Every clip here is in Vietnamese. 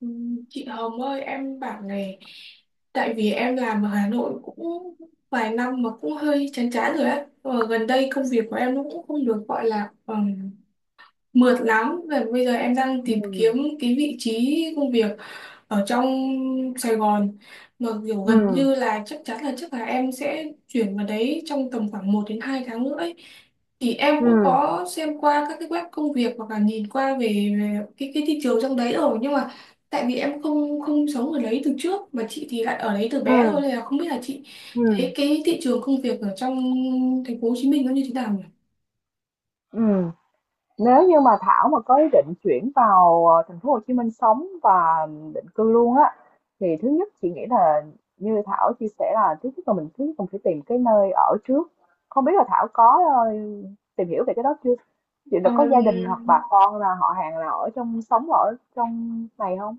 Ừ, chị Hồng ơi, em bảo này. Tại vì em làm ở Hà Nội cũng vài năm mà cũng hơi chán chán rồi á, và gần đây công việc của em nó cũng không được gọi là mượt lắm. Và bây giờ em đang tìm Ừ, kiếm cái vị trí công việc ở trong Sài Gòn, mà kiểu ừ, gần như là chắc chắn là chắc là em sẽ chuyển vào đấy trong tầm khoảng 1 đến 2 tháng nữa ấy. Thì em ừ, cũng có xem qua các cái web công việc, hoặc là nhìn qua về cái thị trường trong đấy rồi, nhưng mà tại vì em không không sống ở đấy từ trước, mà chị thì lại ở đấy từ ừ, bé rồi, nên là không biết là chị ừ, thấy cái thị trường công việc ở trong thành phố Hồ Chí Minh nó như thế nào nhỉ? ừm. Nếu như mà Thảo mà có ý định chuyển vào, thành phố Hồ Chí Minh sống và định cư luôn á, thì thứ nhất chị nghĩ là như Thảo chia sẻ là thứ nhất là mình thứ nhất mình phải tìm cái nơi ở trước. Không biết là Thảo có, tìm hiểu về cái đó chưa? Chị là Ờ, có gia đình hoặc bà con là họ hàng là ở trong sống ở trong này không?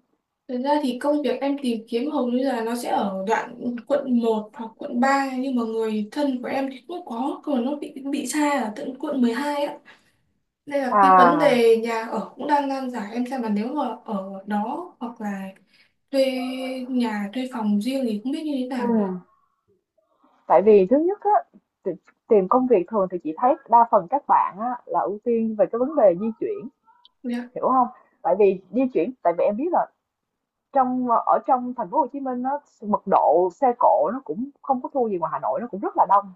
thật ra thì công việc em tìm kiếm hầu như là nó sẽ ở đoạn quận 1 hoặc quận 3, nhưng mà người thân của em thì cũng có, nhưng mà nó bị xa ở tận quận 12 á, nên là cái vấn À, đề nhà ở cũng đang nan giải. Em xem là nếu mà ở đó, hoặc là thuê nhà, thuê phòng riêng thì không biết như thế ừ. nào nhỉ. Tại vì thứ nhất á, tì- tìm công việc thường thì chị thấy đa phần các bạn á, là ưu tiên về cái vấn đề di chuyển, Dạ, hiểu không? Tại vì di chuyển, tại vì em biết là ở trong thành phố Hồ Chí Minh nó mật độ xe cộ nó cũng không có thua gì ngoài Hà Nội, nó cũng rất là đông.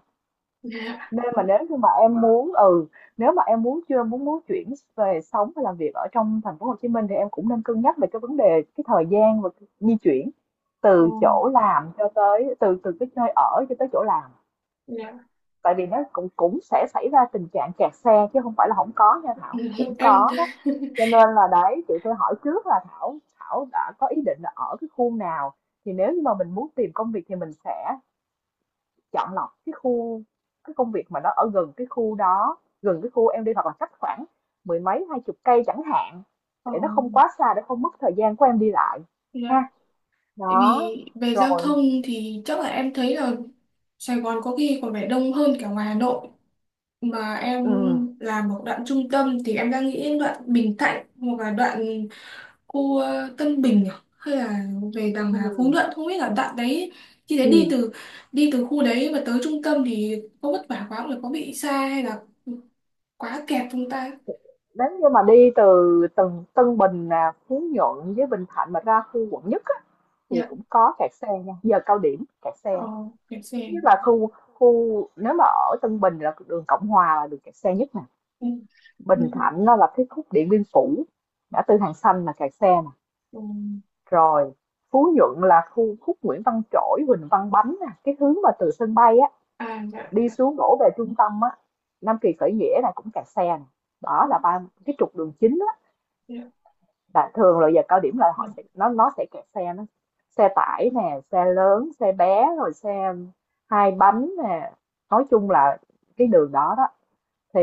dạ. Nên mà nếu như mà em muốn ừ, nếu mà em muốn chưa muốn muốn chuyển về sống và làm việc ở trong thành phố Hồ Chí Minh thì em cũng nên cân nhắc về cái vấn đề cái thời gian và cái di chuyển Ờ, từ cái nơi ở cho tới chỗ làm. dạ. Tại vì nó cũng cũng sẽ xảy ra tình trạng kẹt xe chứ không phải là không có nha Thảo, cũng Em. có đó. Cho nên là đấy, chị hỏi trước là Thảo Thảo đã có ý định là ở cái khu nào, thì nếu như mà mình muốn tìm công việc thì mình sẽ chọn lọc cái công việc mà nó ở gần cái khu đó, gần cái khu em đi, hoặc là cách khoảng mười mấy, hai chục cây chẳng hạn, Ờ, để nó không quá xa, để không mất thời gian của em đi lại, dạ. ha. Tại Đó, Vì về giao rồi. thông thì chắc là em thấy là Sài Gòn có khi còn phải đông hơn cả ngoài Hà Nội. Mà em ừm, làm một đoạn trung tâm, thì em đang nghĩ đoạn Bình Thạnh, hoặc là đoạn khu, Tân Bình à? Hay là về đằng là Phú ừm, Nhuận, không biết là đoạn đấy thì đấy, đi ừm. từ đi từ khu đấy mà tới trung tâm thì có vất vả quá không, là có bị xa hay là quá kẹt chúng ta. Nếu như mà đi từ Tân Tân Bình nè, Phú Nhuận với Bình Thạnh mà ra khu quận nhất á, thì Dạ. cũng có kẹt xe nha, giờ cao điểm kẹt xe. Ờ, kẹt Thứ xe. nhất là khu khu nếu mà ở Tân Bình là đường Cộng Hòa là đường kẹt xe nhất nè. Ừ. Bình Thạnh nó là cái khúc Điện Biên Phủ, ngã tư Hàng Xanh là kẹt xe nè. Ừ. Rồi Phú Nhuận là khu khúc Nguyễn Văn Trỗi, Huỳnh Văn Bánh nè, cái hướng mà từ sân bay á À, dạ, đi dạ. xuống đổ về trung tâm á, Nam Kỳ Khởi Nghĩa là cũng kẹt xe nè. Đó là ba cái trục đường chính Dạ, là thường là giờ cao điểm là họ sẽ dạ. nó sẽ kẹt xe, nó xe tải nè, xe lớn xe bé, rồi xe hai bánh nè, nói chung là cái đường đó đó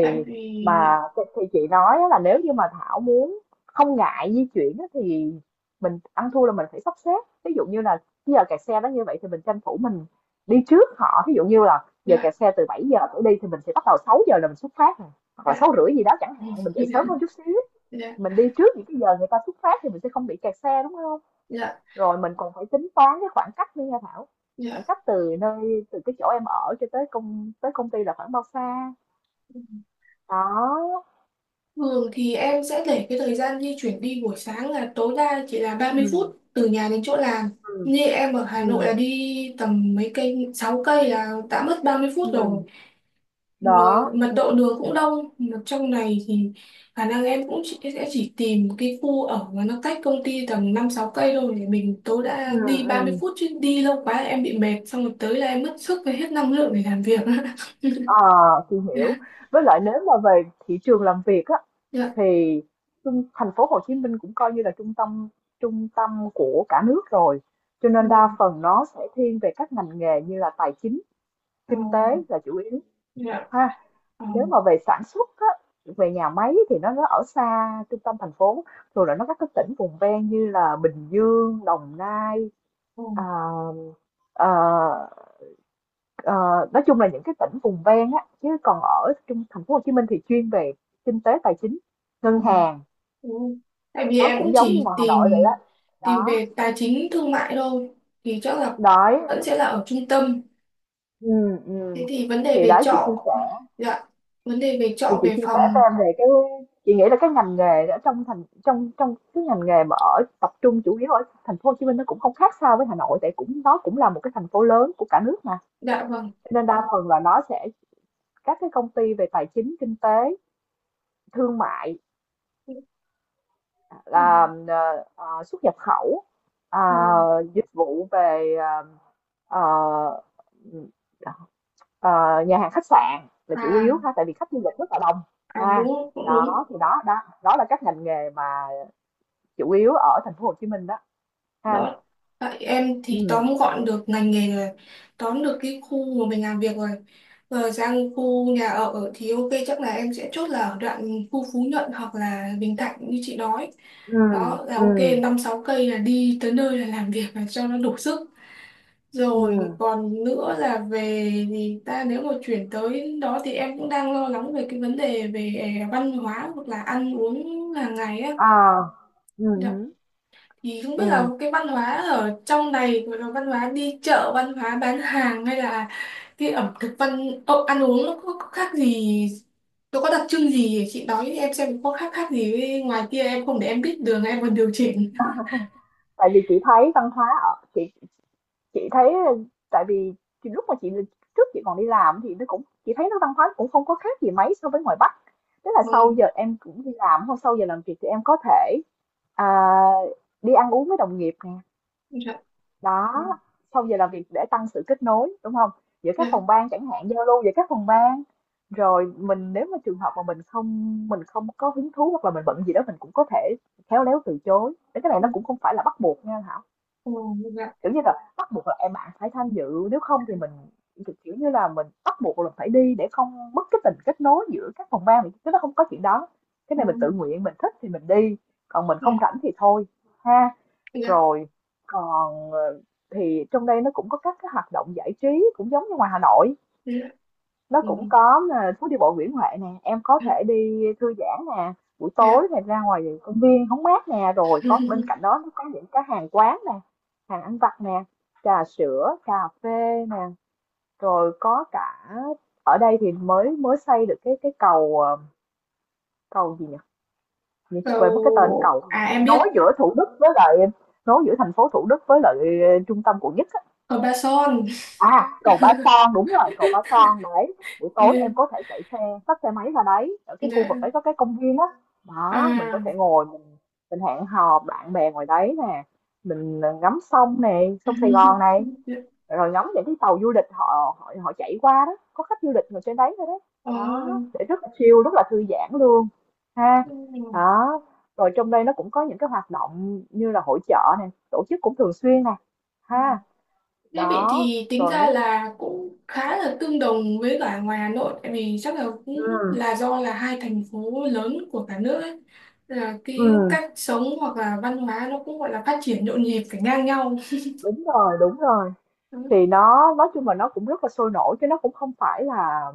Tại vì. mà thì chị nói á, là nếu như mà Thảo muốn không ngại di chuyển á thì mình ăn thua là mình phải sắp xếp, ví dụ như là cái giờ kẹt xe đó như vậy thì mình tranh thủ mình đi trước họ, ví dụ như là giờ Dạ, kẹt xe từ 7 giờ trở đi thì mình sẽ bắt đầu 6 giờ là mình xuất phát rồi. Hoặc là sáu dạ. rưỡi gì đó chẳng Ừ. hạn, mình dậy sớm hơn chút xíu, Dạ, mình đi trước những cái giờ người ta xuất phát thì mình sẽ không bị kẹt xe đúng không. dạ, Rồi mình còn phải tính toán cái khoảng cách nữa nha Thảo, khoảng dạ. cách từ nơi từ cái chỗ em ở cho tới công ty là khoảng bao xa. Ừ. Đó. Thường thì em sẽ để cái thời gian di chuyển đi buổi sáng là tối đa chỉ là ba Ừ, mươi phút từ nhà đến chỗ làm. ừ, Như em ở ừ, Hà Nội là đi tầm mấy cây, 6 cây là đã mất ba mươi ừ. phút rồi. Mà Đó. mật độ đường cũng đông, mà trong này thì khả năng em cũng chỉ, sẽ chỉ tìm cái khu ở mà nó cách công ty tầm 5-6 cây thôi, để mình tối đa Ừ, đi ừ. 30 phút, chứ đi lâu quá em bị mệt, xong rồi tới là em mất sức và hết năng lượng để làm việc. ờ thì Dạ. hiểu. Với lại nếu mà về thị trường làm việc á Dạ. thì thành phố Hồ Chí Minh cũng coi như là trung tâm của cả nước rồi, cho nên đa Ừ. phần nó sẽ thiên về các ngành nghề như là tài chính, Ờ. kinh tế là chủ yếu, Dạ. ha. Ờ. Nếu mà về sản xuất á, về nhà máy thì nó ở xa trung tâm thành phố, rồi là nó các cái tỉnh vùng ven như là Bình Dương, Đồng Nai, Ờ. à, ờ, ờ, nói chung là những cái tỉnh vùng ven á, chứ còn ở trung thành phố Hồ Chí Minh thì chuyên về kinh tế tài chính, Ờ. ngân hàng, Ừ. Tại vì nó em cũng cũng giống như chỉ ngoài Hà Nội vậy tìm đó. tìm Đó, về tài chính thương mại thôi, thì chắc là đấy. vẫn sẽ là ở trung tâm. Ừ, ừ. Thế thì vấn đề Thì về đấy chị chia trọ. sẻ Dạ, vấn đề về Thì trọ, chị về chia sẻ cho phòng. em về cái, chị nghĩ là cái ngành nghề ở trong thành trong trong cái ngành nghề mà ở tập trung chủ yếu ở thành phố Hồ Chí Minh nó cũng không khác sao với Hà Nội, tại cũng nó cũng là một cái thành phố lớn của cả nước mà. Dạ vâng. Cho nên đa phần là nó sẽ các cái công ty về tài chính, kinh tế, thương mại Ừ. là xuất nhập khẩu, ờ, Ừ. dịch vụ về ờ, ờ, nhà hàng khách sạn là chủ yếu À, ha, tại vì khách du lịch rất là đông, à, ha. đúng, cũng đúng. Đó thì đó đó, đó là các ngành nghề mà chủ yếu ở thành phố Hồ Chí Minh đó anh. Đó. Tại em thì Ừm, tóm gọn được ngành nghề rồi, tóm được cái khu mà mình làm việc rồi. Rồi sang khu nhà ở thì ok, chắc là em sẽ chốt là ở đoạn khu Phú Nhuận hoặc là Bình Thạnh như chị nói. ừm, Đó là ok, ừm, 5-6 cây là đi tới nơi là làm việc là cho nó đủ sức. Rồi ừm, còn nữa là về thì ta, nếu mà chuyển tới đó thì em cũng đang lo lắng về cái vấn đề về văn hóa, hoặc là ăn uống hàng ngày á. à, Dạ, hứm. thì không biết là cái văn hóa ở trong này, rồi là văn hóa đi chợ, văn hóa bán hàng, hay là cái ẩm thực, văn, ồ, ăn uống nó có khác gì, nó có đặc trưng gì, chị nói em xem có khác khác gì với ngoài kia em không, để em biết đường em còn điều chỉnh. Tại vì chị thấy văn hóa ở chị thấy, tại vì thì lúc mà chị còn đi làm thì nó cũng chị thấy nó văn hóa cũng không có khác gì mấy so với ngoài Bắc. Tức là Ờ. sau giờ em cũng đi làm, không, sau giờ làm việc thì em có thể, à, đi ăn uống với đồng nghiệp nè, Dạ. Ờ, đó, sau giờ làm việc để tăng sự kết nối đúng không, giữa các dạ. phòng ban chẳng hạn, giao lưu giữa các phòng ban, rồi mình nếu mà trường hợp mà mình không có hứng thú hoặc là mình bận gì đó mình cũng có thể khéo léo từ chối. Thế cái này Ừ. nó cũng không phải là bắt buộc nha Thảo, Ờ, dạ. kiểu như là bắt buộc là em phải tham dự nếu không thì mình, kiểu kiểu như là mình bắt buộc là phải đi để không mất cái tình kết nối giữa các phòng ban, chứ nó không có chuyện đó. Cái Ờ. này mình tự nguyện, mình thích thì mình đi, còn mình Ừ, không rảnh thì thôi, ha. dạ, Rồi còn, thì trong đây nó cũng có các cái hoạt động giải trí cũng giống như ngoài Hà Nội, dạ. nó Ừ, cũng có, phố đi bộ Nguyễn Huệ nè, em có à, thể đi thư giãn nè, buổi dạ. tối này ra ngoài công viên hóng mát nè, rồi có bên cạnh đó nó có những cái hàng quán nè, hàng ăn vặt nè, trà sữa, cà phê nè, rồi có cả ở đây thì mới mới xây được cái cầu, cầu gì nhỉ? Như chị quên mất cái tên cầu, À, em biết, nối giữa Thủ Đức với lại nối giữa thành phố Thủ Đức với lại trung tâm quận nhất. ở Ba Son. À, cầu Ba Son, đúng rồi, cầu Ba Son đấy. Buổi tối em có thể chạy xe, tắt xe máy ra đấy, ở cái khu Dạ. vực đấy có cái công viên á. Đó, mình có À. thể ngồi mình hẹn hò bạn bè ngoài đấy nè, mình ngắm sông nè, sông Sài Gòn này, Dạ. rồi ngắm những cái tàu du lịch họ họ họ chạy qua đó, có khách du lịch ngồi trên đấy thôi đấy. Ờ. Đó, để rất là chill, rất là thư giãn luôn, ha. Ừ. Đó. Rồi trong đây nó cũng có những cái hoạt động như là hội chợ nè, tổ chức cũng thường xuyên nè, Ừ. ha. Thế vậy Đó, thì tính rồi nó. ra là cũng khá là tương đồng với cả ngoài Hà Nội, tại vì chắc là cũng Ừ, là do là hai thành phố lớn của cả nước ấy. Là cái ừm, cách sống hoặc là văn hóa nó cũng gọi là phát triển nhộn nhịp phải ngang nhau. đúng rồi, đúng rồi. Ừ. Thì nó nói chung là nó cũng rất là sôi nổi chứ nó cũng không phải là,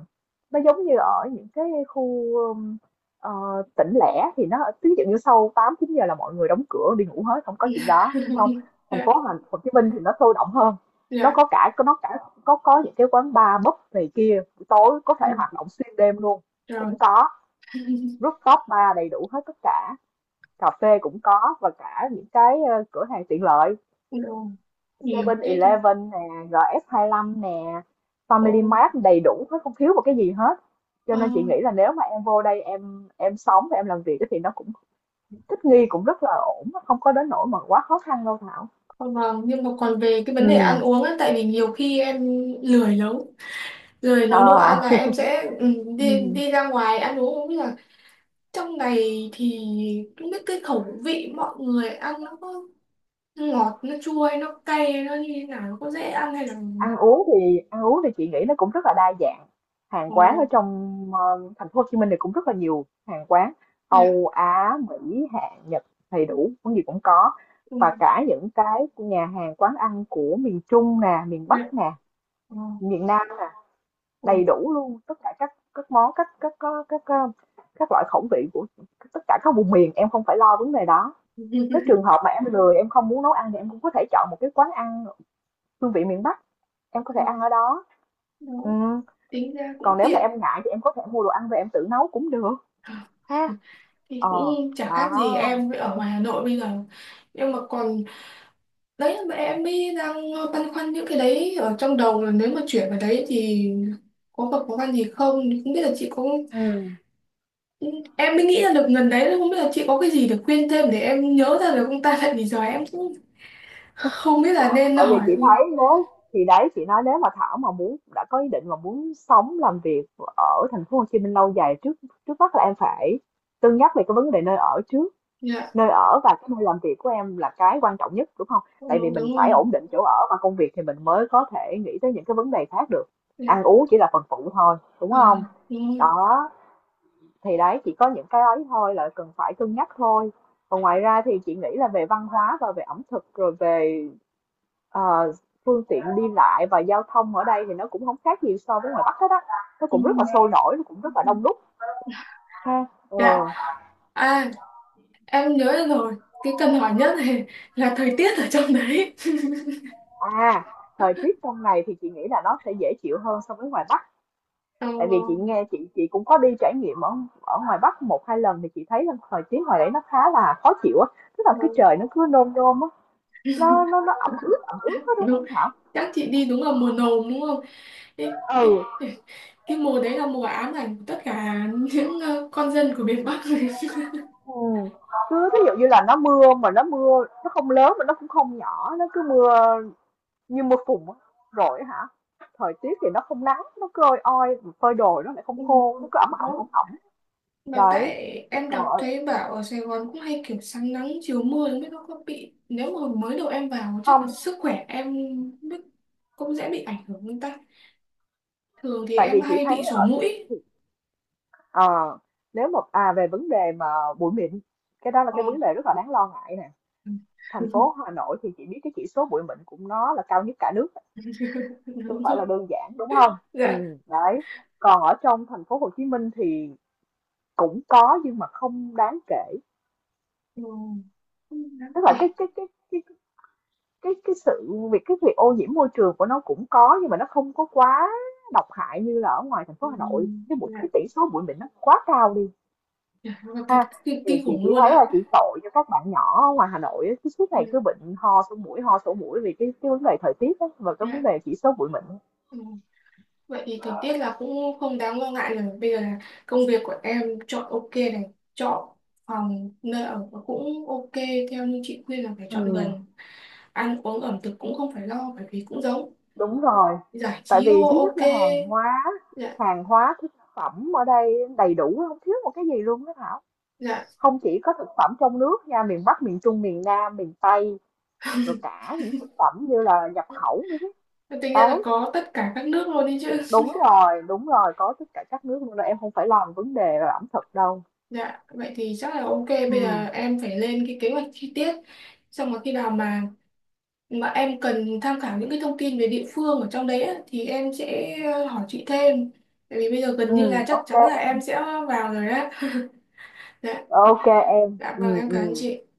nó giống như ở những cái khu ờ, tỉnh lẻ thì nó ví dụ như sau 8 9 giờ là mọi người đóng cửa đi ngủ hết, không có chuyện đó, đúng không? Thành phố Dạ, Hồ Chí Minh thì nó sôi động hơn. Nó dạ, có cả có nó cả có những cái quán bar pub này kia, buổi tối có ừ, thể hoạt động xuyên đêm luôn, rồi. cũng có. Rooftop bar đầy đủ hết tất cả, cà phê cũng có, và cả những cái cửa hàng tiện lợi Rồi, nhiều thế thì. 7-Eleven nè, RS25 nè, Family Ồ, Mart đầy đủ hết, không thiếu một cái gì hết. Cho ờ, nên chị nghĩ là nếu mà em vô đây em sống và em làm việc thì nó cũng thích nghi cũng rất là ổn, nó không có đến nỗi mà quá khó khăn đâu Thảo. ờ, vâng, nhưng mà còn về cái vấn đề Ừ. ăn uống ấy, tại vì nhiều khi em lười nấu. Rồi Ờ. nấu đồ ăn là em sẽ, đi Ừ. đi ra ngoài ăn uống, không biết là trong này thì không biết cái khẩu vị mọi người ăn nó có ngọt, nó chua, hay nó cay, nó như thế nào, nó có dễ ăn hay là. Ăn uống thì chị nghĩ nó cũng rất là đa dạng. Hàng Ờ. quán ở trong thành phố Hồ Chí Minh thì cũng rất là nhiều hàng quán Dạ. Âu, Á, Mỹ, Hàn, Nhật đầy đủ, món gì cũng có. Ừ. Và cả những cái nhà hàng quán ăn của miền Trung nè, miền Dạ. Bắc nè, Ờ. miền Nam nè, Ờ. đầy đủ luôn tất cả các món các loại khẩu vị của tất cả các vùng miền, em không phải lo vấn đề đó. Nếu trường hợp mà em lười, em không muốn nấu ăn thì em cũng có thể chọn một cái quán ăn hương vị miền Bắc, em có thể ăn Ừ, ở đó. đó. Ừ, Tính ra cũng còn nếu mà tiện, em ngại thì em có thể mua đồ ăn về em tự nấu cũng được, ha. thì Ờ, cũng chả đó. khác gì em ở ngoài Hà Nội bây giờ. Nhưng mà còn đấy, mà em mới đang băn khoăn những cái đấy ở trong đầu, là nếu mà chuyển vào đấy thì có gặp khó khăn gì không, không biết là chị có. Ừ. Em mới nghĩ ra được lần đấy, không biết là chị có cái gì để khuyên thêm để em nhớ ra được ông ta, tại vì giờ em cũng không biết là nên Tại vì hỏi. chị thấy nếu, thì đấy chị nói nếu mà Thảo mà muốn, đã có ý định mà muốn sống làm việc ở thành phố Hồ Chí Minh lâu dài, trước trước mắt là em phải cân nhắc về cái vấn đề nơi ở trước. Dạ. Nơi ở và cái nơi làm việc của em là cái quan trọng nhất, đúng không, Ừ, tại vì mình đúng phải rồi. ổn định chỗ ở và công việc thì mình mới có thể nghĩ tới những cái vấn đề khác được. Ăn Dạ. uống chỉ là phần phụ thôi đúng Ờ, không. đúng rồi. Đó, thì đấy chỉ có những cái ấy thôi là cần phải cân nhắc thôi. Còn ngoài ra thì chị nghĩ là về văn hóa và về ẩm thực, rồi về ờ, phương tiện đi lại và giao thông ở đây thì nó cũng không khác gì so với ngoài Bắc hết á. Nó Ừ. cũng rất là sôi nổi, nó cũng rất là đông đúc, ha. Ừ. Dạ. À, em nhớ ra rồi, cái cần hỏi nhất này, là thời tiết ở trong đấy. À, thời tiết trong này thì chị nghĩ là nó sẽ dễ chịu hơn so với ngoài Bắc. Tại vì chị Ờ, nghe, chị cũng có đi trải nghiệm ở ở ngoài Bắc một hai lần thì chị thấy là thời tiết ngoài đấy nó khá là khó chịu á. Tức là ờ, cái trời nó cứ nôm nôm á, nó ẩm ướt, ẩm ướt hết, đúng đúng. không Thảo. Chắc chị đi đúng là mùa nồm đúng không, cái cái Ừ, cái cái mùa đấy là mùa ám ảnh của tất cả những, con dân của miền Bắc. ừm, cứ thí dụ như là nó mưa, mà nó mưa nó không lớn mà nó cũng không nhỏ, nó cứ mưa như mưa phùn á. Rồi hả, thời tiết thì nó không nắng, nó cứ oi oi, phơi đồ nó lại không Ừ, khô, nó cứ ẩm ẩm đó. ẩm ẩm. Mà Đấy, tại em còn đọc ở, thấy bảo ở Sài Gòn cũng hay kiểu sáng nắng chiều mưa, không biết nó có bị, nếu mà mới đầu em vào chắc là không, sức khỏe em không biết cũng dễ bị ảnh hưởng không ta, thường thì tại em vì chị hay thấy bị sổ ở mũi. ờ, nếu mà à về vấn đề mà bụi mịn, cái đó là Ờ. cái vấn đề rất là đáng lo ngại nè. Thành phố Hà Nội thì chị biết cái chỉ số bụi mịn cũng nó là cao nhất cả nước. Không Đúng phải rồi. là đơn giản, đúng không? Dạ. Ừ. Đấy, còn ở trong thành phố Hồ Chí Minh thì cũng có nhưng mà không đáng kể, Ừ. Không đáng tức là kể. Cái cái sự việc, cái việc ô nhiễm môi trường của nó cũng có nhưng mà nó không có quá độc hại như là ở ngoài thành phố Ừ. Hà Nội. Cái bụi, cái Dạ, tỷ số bụi mịn nó quá cao đi, dạ, thật ha. kinh, Thì kinh chị khủng chỉ luôn thấy là ạ. chị tội cho các bạn nhỏ ở ngoài Hà Nội á, cứ suốt Ừ. ngày cứ bệnh ho sổ mũi vì cái vấn đề thời tiết á, và cái vấn Dạ. đề chỉ số bụi mịn. Ừ. Vậy thì thời tiết là cũng không đáng lo ngại rồi. Bây giờ là công việc của em chọn ok này, chọn phòng nơi ở và cũng ok theo như chị khuyên là phải chọn Ừm. gần. Ăn uống ẩm thực cũng không phải lo bởi vì cũng giống. Đúng rồi. Giải Tại trí vì ô thứ nhất ok. là Dạ, hàng hóa thực phẩm ở đây đầy đủ, không thiếu một cái gì luôn đó Thảo. dạ. Không chỉ có thực phẩm trong nước nha, miền Bắc, miền Trung, miền Nam, miền Tây, rồi cả những thực phẩm như là nhập khẩu nữa chứ. Tính ra là Đấy, có tất cả các nước luôn đi chứ. Đúng rồi, có tất cả các nước luôn đó. Em không phải lo về vấn đề là ẩm thực đâu. Dạ, vậy thì chắc là ok. Ừ, Bây giờ em phải lên cái kế hoạch chi tiết. Xong rồi khi nào mà em cần tham khảo những cái thông tin về địa phương ở trong đấy á, thì em sẽ, hỏi chị thêm, tại vì bây giờ gần ừ, như là chắc ok chắn là em em, sẽ vào rồi á. Dạ. ok em. Dạ Ừ, vâng, em cảm ơn ừ. chị.